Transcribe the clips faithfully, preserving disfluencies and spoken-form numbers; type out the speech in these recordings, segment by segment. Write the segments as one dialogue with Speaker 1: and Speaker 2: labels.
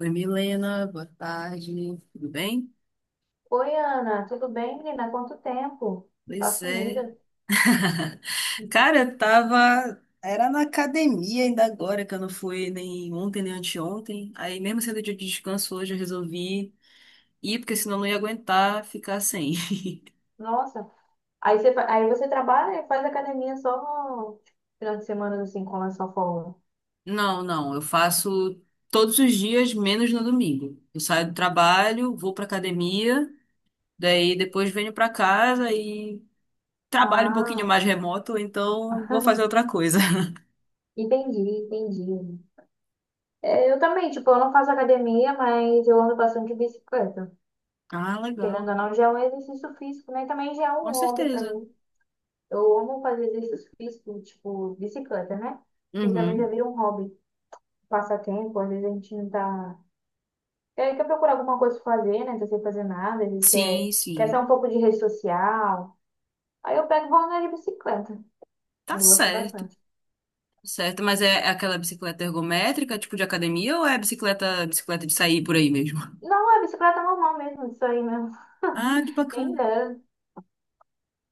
Speaker 1: Oi, Milena, boa tarde, tudo bem?
Speaker 2: Oi, Ana, tudo bem, menina? Quanto tempo? Tá
Speaker 1: Pois é.
Speaker 2: sumida. Uhum.
Speaker 1: Cara, eu tava. Era na academia ainda agora, que eu não fui nem ontem nem anteontem. Aí, mesmo sendo dia de descanso hoje, eu resolvi ir, porque senão eu não ia aguentar ficar sem.
Speaker 2: Nossa. Aí você, fa- aí você trabalha e faz academia só no final de semana, assim, com essa à folga.
Speaker 1: Não, não, eu faço todos os dias, menos no domingo. Eu saio do trabalho, vou pra academia, daí depois venho pra casa e trabalho um pouquinho
Speaker 2: Ah,
Speaker 1: mais remoto, então vou fazer outra coisa.
Speaker 2: entendi, entendi. É, eu também, tipo, eu não faço academia, mas eu ando bastante de bicicleta.
Speaker 1: Ah,
Speaker 2: Querendo
Speaker 1: legal.
Speaker 2: ou não, já é um exercício físico, né? Também já é um
Speaker 1: Com
Speaker 2: hobby pra
Speaker 1: certeza.
Speaker 2: mim. Eu amo fazer exercício físico, tipo, bicicleta, né? E também já
Speaker 1: Uhum.
Speaker 2: vira um hobby, um passatempo, às vezes a gente não tá. Ele quer procurar alguma coisa pra fazer, né? Não tá sem fazer nada. Eles quer,
Speaker 1: Sim,
Speaker 2: quer sair
Speaker 1: sim.
Speaker 2: um pouco de rede social. Aí eu pego e vou andar de bicicleta.
Speaker 1: Tá
Speaker 2: Eu gosto
Speaker 1: certo, tá
Speaker 2: bastante.
Speaker 1: certo. Mas é é aquela bicicleta ergométrica, tipo de academia, ou é bicicleta, bicicleta de sair por aí mesmo?
Speaker 2: Não, é bicicleta normal mesmo, isso aí mesmo.
Speaker 1: Ah, que
Speaker 2: Quem
Speaker 1: bacana.
Speaker 2: dera.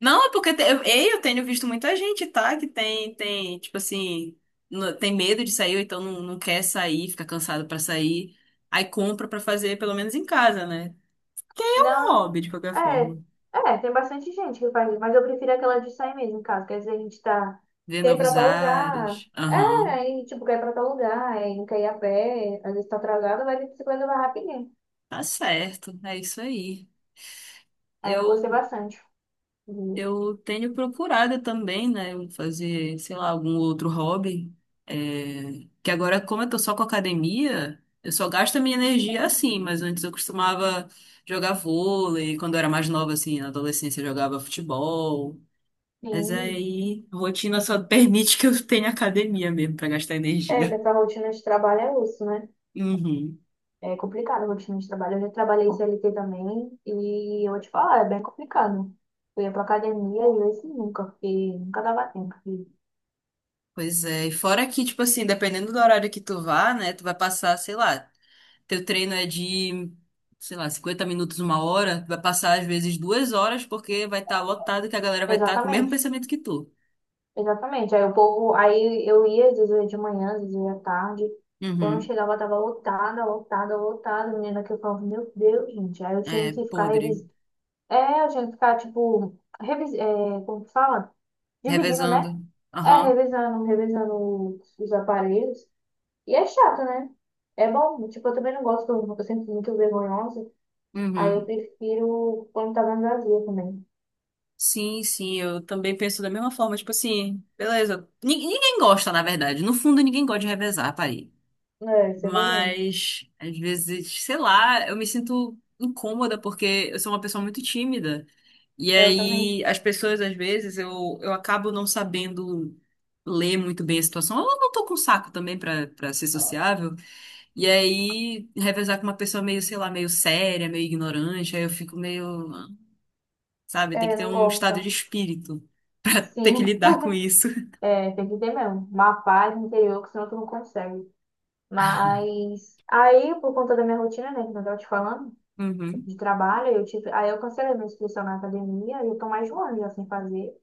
Speaker 1: Não, é porque te- eu, ei, eu tenho visto muita gente, tá? Que tem, tem, tipo assim, no- tem medo de sair, ou então não, não quer sair, fica cansado pra sair. Aí compra pra fazer, pelo menos em casa, né? É um
Speaker 2: Não.
Speaker 1: hobby, de qualquer
Speaker 2: É,
Speaker 1: forma.
Speaker 2: é, tem bastante gente que faz isso, mas eu prefiro aquela de sair mesmo, em casa. Quer dizer, a gente tá.
Speaker 1: Ver
Speaker 2: Quer ir pra
Speaker 1: novos
Speaker 2: tal lugar.
Speaker 1: ares.
Speaker 2: É,
Speaker 1: Aham.
Speaker 2: aí, tipo, quer ir pra tal lugar, aí não quer ir a pé, às vezes tá atrasado, vai de bicicleta vai rapidinho.
Speaker 1: Tá certo. É isso aí.
Speaker 2: Aí eu gostei
Speaker 1: Eu
Speaker 2: bastante. Sim.
Speaker 1: Eu tenho procurado também, né, fazer, sei lá, algum outro hobby. É, que agora, como eu tô só com academia, eu só gasto a minha energia assim, mas antes eu costumava jogar vôlei, quando eu era mais nova, assim, na adolescência eu jogava futebol. Mas aí, a rotina só permite que eu tenha academia mesmo pra gastar
Speaker 2: É, que
Speaker 1: energia.
Speaker 2: essa rotina de trabalho é osso, né?
Speaker 1: Uhum.
Speaker 2: É complicado a rotina de trabalho. Eu já trabalhei C L T também e eu vou te falar, é bem complicado. Eu ia pra academia e eu assim, nunca, porque nunca dava tempo. E-
Speaker 1: Pois é, e fora que, tipo assim, dependendo do horário que tu vá, né, tu vai passar, sei lá, teu treino é de, sei lá, cinquenta minutos, uma hora, vai passar às vezes duas horas, porque vai estar lotado que a galera vai estar com o mesmo
Speaker 2: Exatamente,
Speaker 1: pensamento que tu.
Speaker 2: exatamente. Aí o povo, aí eu ia, às vezes eu ia de manhã, às vezes eu ia à tarde. Quando
Speaker 1: Uhum.
Speaker 2: chegava, tava lotada, lotada, lotada. Menina que eu falava, meu Deus, gente. Aí eu tinha
Speaker 1: É,
Speaker 2: que ficar
Speaker 1: podre.
Speaker 2: revisando. É, eu tinha que ficar, tipo, revis... é, como que fala? Dividindo, né?
Speaker 1: Revezando.
Speaker 2: É,
Speaker 1: Aham.
Speaker 2: revisando, revisando os aparelhos. E é chato, né? É bom. Tipo, eu também não gosto quando eu sinto muito vergonhosa. Aí eu
Speaker 1: Uhum.
Speaker 2: prefiro quando tá mais vazia também.
Speaker 1: Sim, sim, eu também penso da mesma forma. Tipo assim, beleza. Ni- Ninguém gosta, na verdade. No fundo, ninguém gosta de revezar, parei.
Speaker 2: É, isso é verdade.
Speaker 1: Mas, às vezes, sei lá, eu me sinto incômoda porque eu sou uma pessoa muito tímida. E
Speaker 2: Eu também.
Speaker 1: aí, as pessoas, às vezes, eu, eu acabo não sabendo ler muito bem a situação. Eu não tô com saco também pra para ser sociável. E aí, revezar com uma pessoa meio, sei lá, meio séria, meio ignorante, aí eu fico meio, sabe, tem que
Speaker 2: É,
Speaker 1: ter
Speaker 2: não
Speaker 1: um estado de
Speaker 2: gosto.
Speaker 1: espírito, ter que
Speaker 2: Sim,
Speaker 1: lidar com isso.
Speaker 2: é, tem que ter mesmo. Uma paz interior, que senão tu não consegue. Mas aí, por conta da minha rotina, né, que eu tava te falando,
Speaker 1: Uhum.
Speaker 2: de trabalho, eu tive. Aí eu cancelei minha inscrição na academia e eu tô mais de um ano já sem fazer.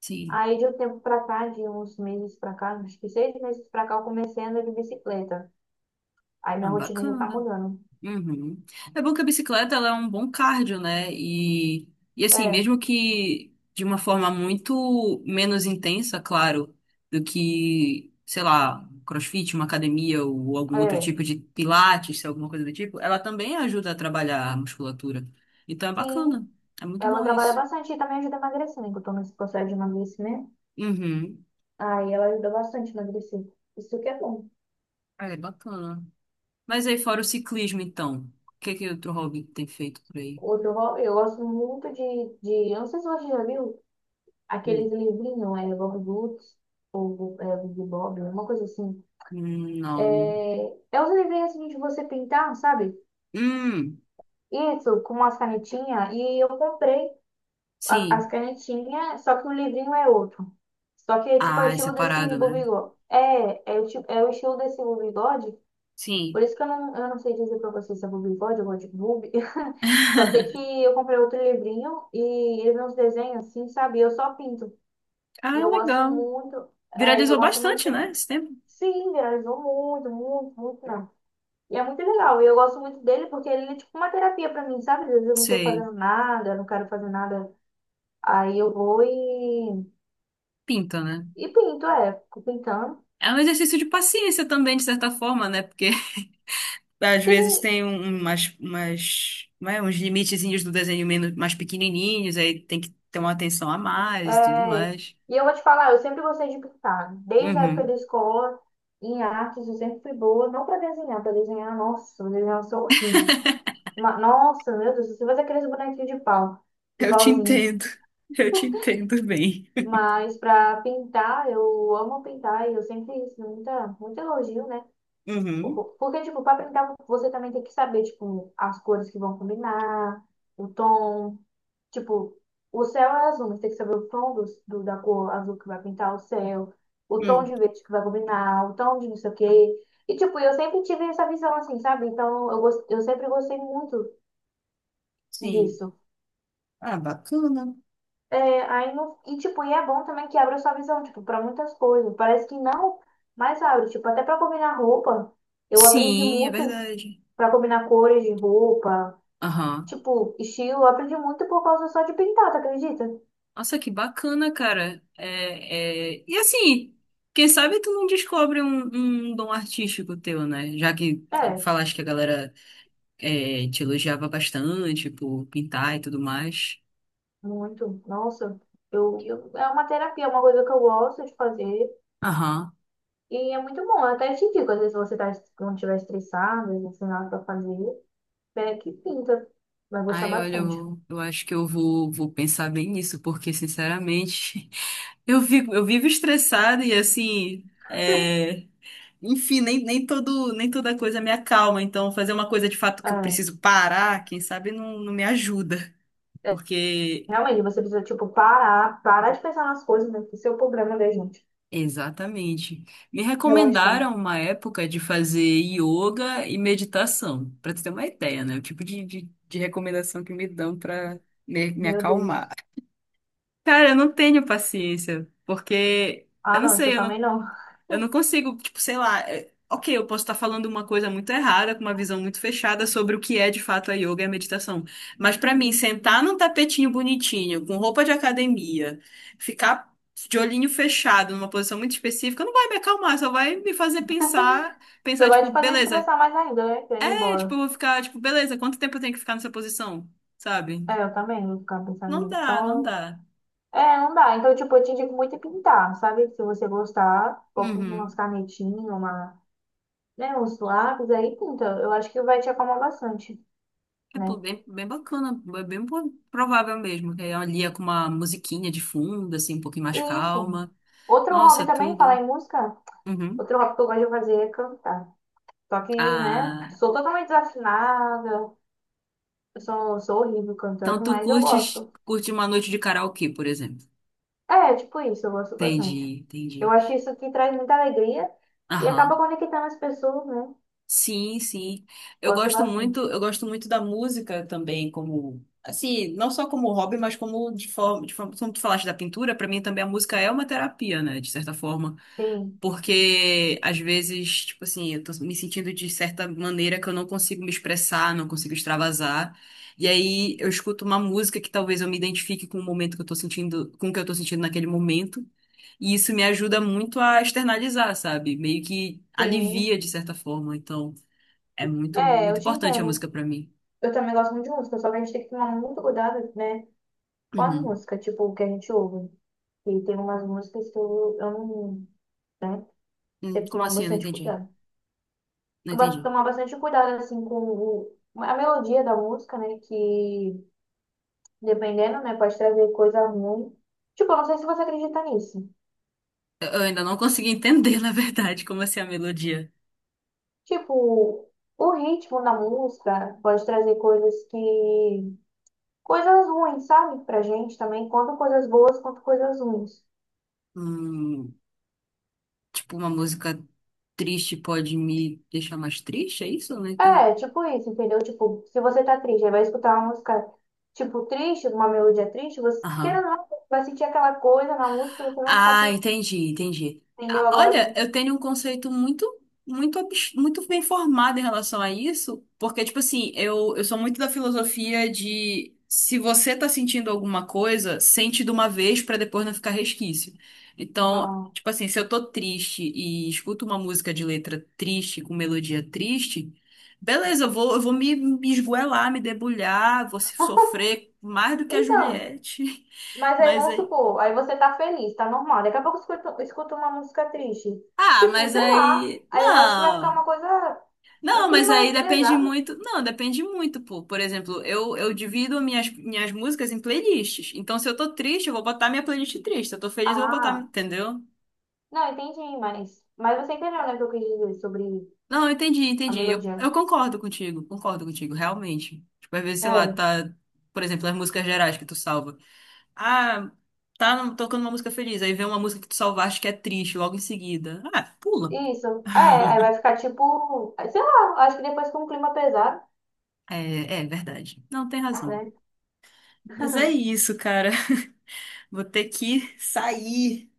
Speaker 1: Sim.
Speaker 2: Aí de um tempo pra cá, de uns meses pra cá, acho que seis meses pra cá, eu comecei a andar de bicicleta. Aí minha
Speaker 1: Ah,
Speaker 2: rotina já tá
Speaker 1: bacana.
Speaker 2: mudando.
Speaker 1: Uhum. É bom que a bicicleta ela é um bom cardio, né? E, e assim,
Speaker 2: É,
Speaker 1: mesmo que de uma forma muito menos intensa, claro, do que, sei lá, CrossFit, uma academia ou algum outro
Speaker 2: é.
Speaker 1: tipo de pilates, se é alguma coisa do tipo, ela também ajuda a trabalhar a musculatura. Então é
Speaker 2: Sim,
Speaker 1: bacana. É muito
Speaker 2: ela
Speaker 1: bom
Speaker 2: trabalha
Speaker 1: isso.
Speaker 2: bastante e também ajuda a emagrecer, né? Que eu tô nesse processo de emagrecimento.
Speaker 1: Uhum.
Speaker 2: Aí ela ajuda bastante a emagrecer. Isso que é bom.
Speaker 1: É bacana. Mas aí, fora o ciclismo, então, o que que outro hobby tem feito por aí?
Speaker 2: Outro hobby, eu gosto muito de, de. Eu não sei se você já viu aqueles
Speaker 1: Hum,
Speaker 2: livrinhos, é Bob Goods ou é, Bibi Bob, uma coisa assim.
Speaker 1: hum, não.
Speaker 2: É, é os livrinhos assim de você pintar, sabe?
Speaker 1: Hum,
Speaker 2: Isso, com umas canetinhas. E eu comprei. A- as
Speaker 1: sim.
Speaker 2: canetinhas, só que o livrinho é outro. Só que é tipo é o
Speaker 1: Ah, é
Speaker 2: estilo desse
Speaker 1: separado, né?
Speaker 2: bobigode. É, é o, ti- é o estilo desse bobigode. Por
Speaker 1: Sim.
Speaker 2: isso que eu não, eu não sei dizer pra vocês se é bobigode ou de boob. Só sei que eu comprei outro livrinho e ele vem uns desenhos assim, sabe? Eu só pinto. E
Speaker 1: Ah,
Speaker 2: eu gosto
Speaker 1: legal.
Speaker 2: muito. É, e eu
Speaker 1: Viralizou
Speaker 2: gosto
Speaker 1: bastante,
Speaker 2: muito.
Speaker 1: né, esse tempo?
Speaker 2: Sim, viralizou muito, muito, muito, não. E é muito legal. E eu gosto muito dele porque ele é tipo uma terapia pra mim, sabe? Às vezes eu não tô
Speaker 1: Sei.
Speaker 2: fazendo nada, eu não quero fazer nada. Aí eu vou e
Speaker 1: Pinta, né?
Speaker 2: E pinto, é, fico pintando.
Speaker 1: É um exercício de paciência também, de certa forma, né? Porque às vezes
Speaker 2: Sim,
Speaker 1: tem um- umas, umas, como é, uns limitezinhos do desenho menos, mais pequenininhos, aí tem que ter uma atenção a mais e tudo
Speaker 2: é,
Speaker 1: mais.
Speaker 2: e eu vou te falar, eu sempre gostei de pintar. Desde a época da
Speaker 1: Uhum.
Speaker 2: escola, em artes, eu sempre fui boa. Não pra desenhar, pra desenhar, nossa, pra desenhar eu sou horrível. Ma- nossa, meu Deus, você faz aqueles bonequinhos de pau, de
Speaker 1: Eu te
Speaker 2: pauzinho.
Speaker 1: entendo. Eu te entendo bem.
Speaker 2: Mas pra pintar, eu amo pintar e eu sempre isso, muita, muito elogio, né?
Speaker 1: Uhum.
Speaker 2: Por- Porque, tipo, pra pintar, você também tem que saber, tipo, as cores que vão combinar, o tom. Tipo, o céu é azul, mas tem que saber o tom do, do- da cor azul que vai pintar o céu, o tom
Speaker 1: Hum.
Speaker 2: de verde que vai combinar, o tom de não sei o quê. E, tipo, eu sempre tive essa visão assim, sabe? Então, eu, gos- eu sempre gostei muito
Speaker 1: Sim.
Speaker 2: disso.
Speaker 1: Ah, bacana.
Speaker 2: É, aí no, e, tipo, e é bom também que abra sua visão, tipo, pra muitas coisas. Parece que não, mas abre. Tipo, até pra combinar roupa, eu aprendi
Speaker 1: Sim, é
Speaker 2: muito
Speaker 1: verdade.
Speaker 2: pra combinar cores de roupa,
Speaker 1: Aham.
Speaker 2: tipo, estilo. Eu aprendi muito por causa só de pintar, tu acredita?
Speaker 1: Nossa, que bacana, cara. É, é... E assim, quem sabe tu não descobre um, um dom artístico teu, né? Já que
Speaker 2: É.
Speaker 1: falaste que a galera é, te elogiava bastante por pintar e tudo mais.
Speaker 2: Muito. Nossa, eu, eu- é uma terapia, é uma coisa que eu gosto de fazer.
Speaker 1: Aham.
Speaker 2: E é muito bom. Eu até te digo, às vezes você tá, quando estiver estressado, às vezes sem nada pra fazer, pega que pinta. Vai gostar
Speaker 1: Ai, olha,
Speaker 2: bastante.
Speaker 1: eu, eu acho que eu vou, vou pensar bem nisso, porque, sinceramente, eu vivo, eu vivo estressada e, assim, é, enfim, nem, nem todo, nem toda coisa me acalma. Então, fazer uma coisa de fato que eu
Speaker 2: É,
Speaker 1: preciso parar, quem sabe não, não me ajuda.
Speaker 2: é,
Speaker 1: Porque,
Speaker 2: realmente, você precisa, tipo, parar, parar de pensar nas coisas, né? Esse é o problema da gente.
Speaker 1: exatamente. Me
Speaker 2: Relaxar.
Speaker 1: recomendaram uma época de fazer yoga e meditação, para tu ter uma ideia, né? O tipo de, de, de recomendação que me dão para me, me
Speaker 2: Meu
Speaker 1: acalmar.
Speaker 2: Deus.
Speaker 1: Cara, eu não tenho paciência, porque eu
Speaker 2: Ah,
Speaker 1: não
Speaker 2: não, isso eu
Speaker 1: sei, eu não
Speaker 2: também não.
Speaker 1: Eu não consigo, tipo, sei lá. é- Ok, eu posso estar falando uma coisa muito errada, com uma visão muito fechada sobre o que é de fato a yoga e a meditação. Mas pra mim, sentar num tapetinho bonitinho, com roupa de academia, ficar de olhinho fechado numa posição muito específica, não vai me acalmar, só vai me fazer pensar,
Speaker 2: Só
Speaker 1: pensar,
Speaker 2: vai
Speaker 1: tipo,
Speaker 2: te fazer
Speaker 1: beleza.
Speaker 2: estressar mais ainda, né? Querendo ir
Speaker 1: É, tipo,
Speaker 2: embora.
Speaker 1: eu vou ficar, tipo, beleza, quanto tempo eu tenho que ficar nessa posição? Sabe?
Speaker 2: É, eu também vou ficar pensando
Speaker 1: Não
Speaker 2: nisso.
Speaker 1: dá, não
Speaker 2: Então,
Speaker 1: dá.
Speaker 2: é, não dá. Então, tipo, eu te digo muito é pintar, sabe? Se você gostar, coloca umas
Speaker 1: Uhum.
Speaker 2: canetinhas, uma, né, uns lápis aí, pinta. Eu acho que vai te acalmar bastante,
Speaker 1: É,
Speaker 2: né?
Speaker 1: pô, bem, bem bacana, é bem po- provável mesmo, que ela lia com uma musiquinha de fundo, assim, um pouquinho mais
Speaker 2: E isso.
Speaker 1: calma.
Speaker 2: Outro hobby
Speaker 1: Nossa,
Speaker 2: também, falar
Speaker 1: tudo.
Speaker 2: em música,
Speaker 1: Uhum.
Speaker 2: outro hobby que eu gosto de fazer é cantar. Só que, né,
Speaker 1: Ah,
Speaker 2: sou totalmente desafinada, eu sou, sou horrível
Speaker 1: então
Speaker 2: cantando,
Speaker 1: tu
Speaker 2: mas eu
Speaker 1: curtes,
Speaker 2: gosto.
Speaker 1: curte uma noite de karaokê, por exemplo.
Speaker 2: É, tipo isso, eu gosto bastante.
Speaker 1: Entendi,
Speaker 2: Eu
Speaker 1: entendi.
Speaker 2: acho isso que traz muita alegria e acaba
Speaker 1: Aham.
Speaker 2: conectando as pessoas, né?
Speaker 1: Sim, sim. Eu
Speaker 2: Gosto
Speaker 1: gosto muito,
Speaker 2: bastante.
Speaker 1: eu gosto muito da música também, como assim, não só como hobby, mas como de forma, de forma, como tu falaste da pintura, para mim também a música é uma terapia, né, de certa forma.
Speaker 2: Sim,
Speaker 1: Porque às vezes, tipo assim, eu tô me sentindo de certa maneira que eu não consigo me expressar, não consigo extravasar. E aí eu escuto uma música que talvez eu me identifique com o momento que eu tô sentindo, com o que eu tô sentindo naquele momento. E isso me ajuda muito a externalizar, sabe? Meio que
Speaker 2: sim.
Speaker 1: alivia de certa forma. Então, é muito,
Speaker 2: É, eu
Speaker 1: muito
Speaker 2: te
Speaker 1: importante a
Speaker 2: entendo.
Speaker 1: música pra mim.
Speaker 2: Eu também gosto muito de música, só que a gente tem que tomar muito cuidado, né, com a
Speaker 1: Uhum.
Speaker 2: música, tipo, o que a gente ouve. E tem umas músicas que eu, eu não, né,
Speaker 1: Hum,
Speaker 2: tem que
Speaker 1: como
Speaker 2: tomar
Speaker 1: assim? Eu não
Speaker 2: bastante
Speaker 1: entendi.
Speaker 2: cuidado.
Speaker 1: Não
Speaker 2: Eu gosto de
Speaker 1: entendi.
Speaker 2: tomar bastante cuidado, assim, com o- a melodia da música, né, que, dependendo, né, pode trazer coisa ruim. Tipo, eu não sei se você acredita nisso.
Speaker 1: Eu eu ainda não consegui entender, na verdade, como assim a melodia.
Speaker 2: Tipo, o ritmo da música pode trazer coisas que... coisas ruins, sabe? Pra gente também, tanto coisas boas quanto coisas ruins.
Speaker 1: Hum. Tipo, uma música triste pode me deixar mais triste, é isso, né?
Speaker 2: É, tipo isso, entendeu? Tipo, se você tá triste, aí vai escutar uma música, tipo, triste, uma melodia triste,
Speaker 1: Ah,
Speaker 2: você, querendo
Speaker 1: aham.
Speaker 2: ou não, vai sentir aquela coisa na música, você vai ficar,
Speaker 1: Ah,
Speaker 2: pe-
Speaker 1: entendi, entendi.
Speaker 2: entendeu?
Speaker 1: Ah,
Speaker 2: Agora,
Speaker 1: olha, eu tenho um conceito muito, muito, abs- muito bem formado em relação a isso, porque, tipo assim, eu, eu sou muito da filosofia de se você tá sentindo alguma coisa, sente de uma vez pra depois não ficar resquício. Então,
Speaker 2: ah.
Speaker 1: tipo assim, se eu tô triste e escuto uma música de letra triste, com melodia triste, beleza, eu vou, eu vou me, me esgoelar, me debulhar, vou se- sofrer mais do que a
Speaker 2: Então,
Speaker 1: Juliette.
Speaker 2: mas aí
Speaker 1: Mas
Speaker 2: vamos
Speaker 1: aí.
Speaker 2: supor, aí você tá feliz, tá normal, daqui a pouco escuta, escuta uma música triste,
Speaker 1: Ah,
Speaker 2: tipo,
Speaker 1: mas
Speaker 2: sei lá,
Speaker 1: aí.
Speaker 2: aí eu acho que vai ficar
Speaker 1: Não.
Speaker 2: uma coisa, um
Speaker 1: Não, mas aí
Speaker 2: clima
Speaker 1: depende
Speaker 2: pesado.
Speaker 1: muito. Não, depende muito, pô. Por exemplo, eu, eu divido minhas, minhas músicas em playlists. Então, se eu tô triste, eu vou botar minha playlist triste. Se eu tô feliz, eu vou botar.
Speaker 2: Ah,
Speaker 1: Entendeu?
Speaker 2: não, entendi, mas, mas você entendeu, né, o que eu quis dizer sobre
Speaker 1: Não, eu entendi,
Speaker 2: a
Speaker 1: entendi. Eu,
Speaker 2: melodia.
Speaker 1: eu concordo contigo, concordo contigo, realmente. Tipo, às vezes, sei lá,
Speaker 2: É.
Speaker 1: tá. Por exemplo, as músicas gerais que tu salva. Ah, tá no- tocando uma música feliz. Aí vem uma música que tu salvaste que é triste logo em seguida. Ah, pula.
Speaker 2: Isso. É, aí vai ficar tipo, sei lá, acho que depois com um clima pesado,
Speaker 1: É, é verdade. Não, tem razão.
Speaker 2: né?
Speaker 1: Mas é isso, cara. Vou ter que sair.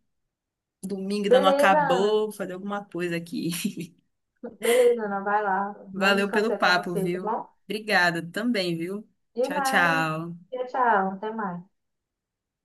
Speaker 1: Domingo ainda não
Speaker 2: Beleza, Ana.
Speaker 1: acabou, vou fazer alguma coisa aqui.
Speaker 2: Beleza, Ana, vai lá. Bom
Speaker 1: Valeu
Speaker 2: descanso
Speaker 1: pelo
Speaker 2: aí pra
Speaker 1: papo,
Speaker 2: você, tá
Speaker 1: viu?
Speaker 2: bom?
Speaker 1: Obrigada também, viu?
Speaker 2: De
Speaker 1: Tchau,
Speaker 2: nada.
Speaker 1: tchau.
Speaker 2: Tchau, tchau. Até mais.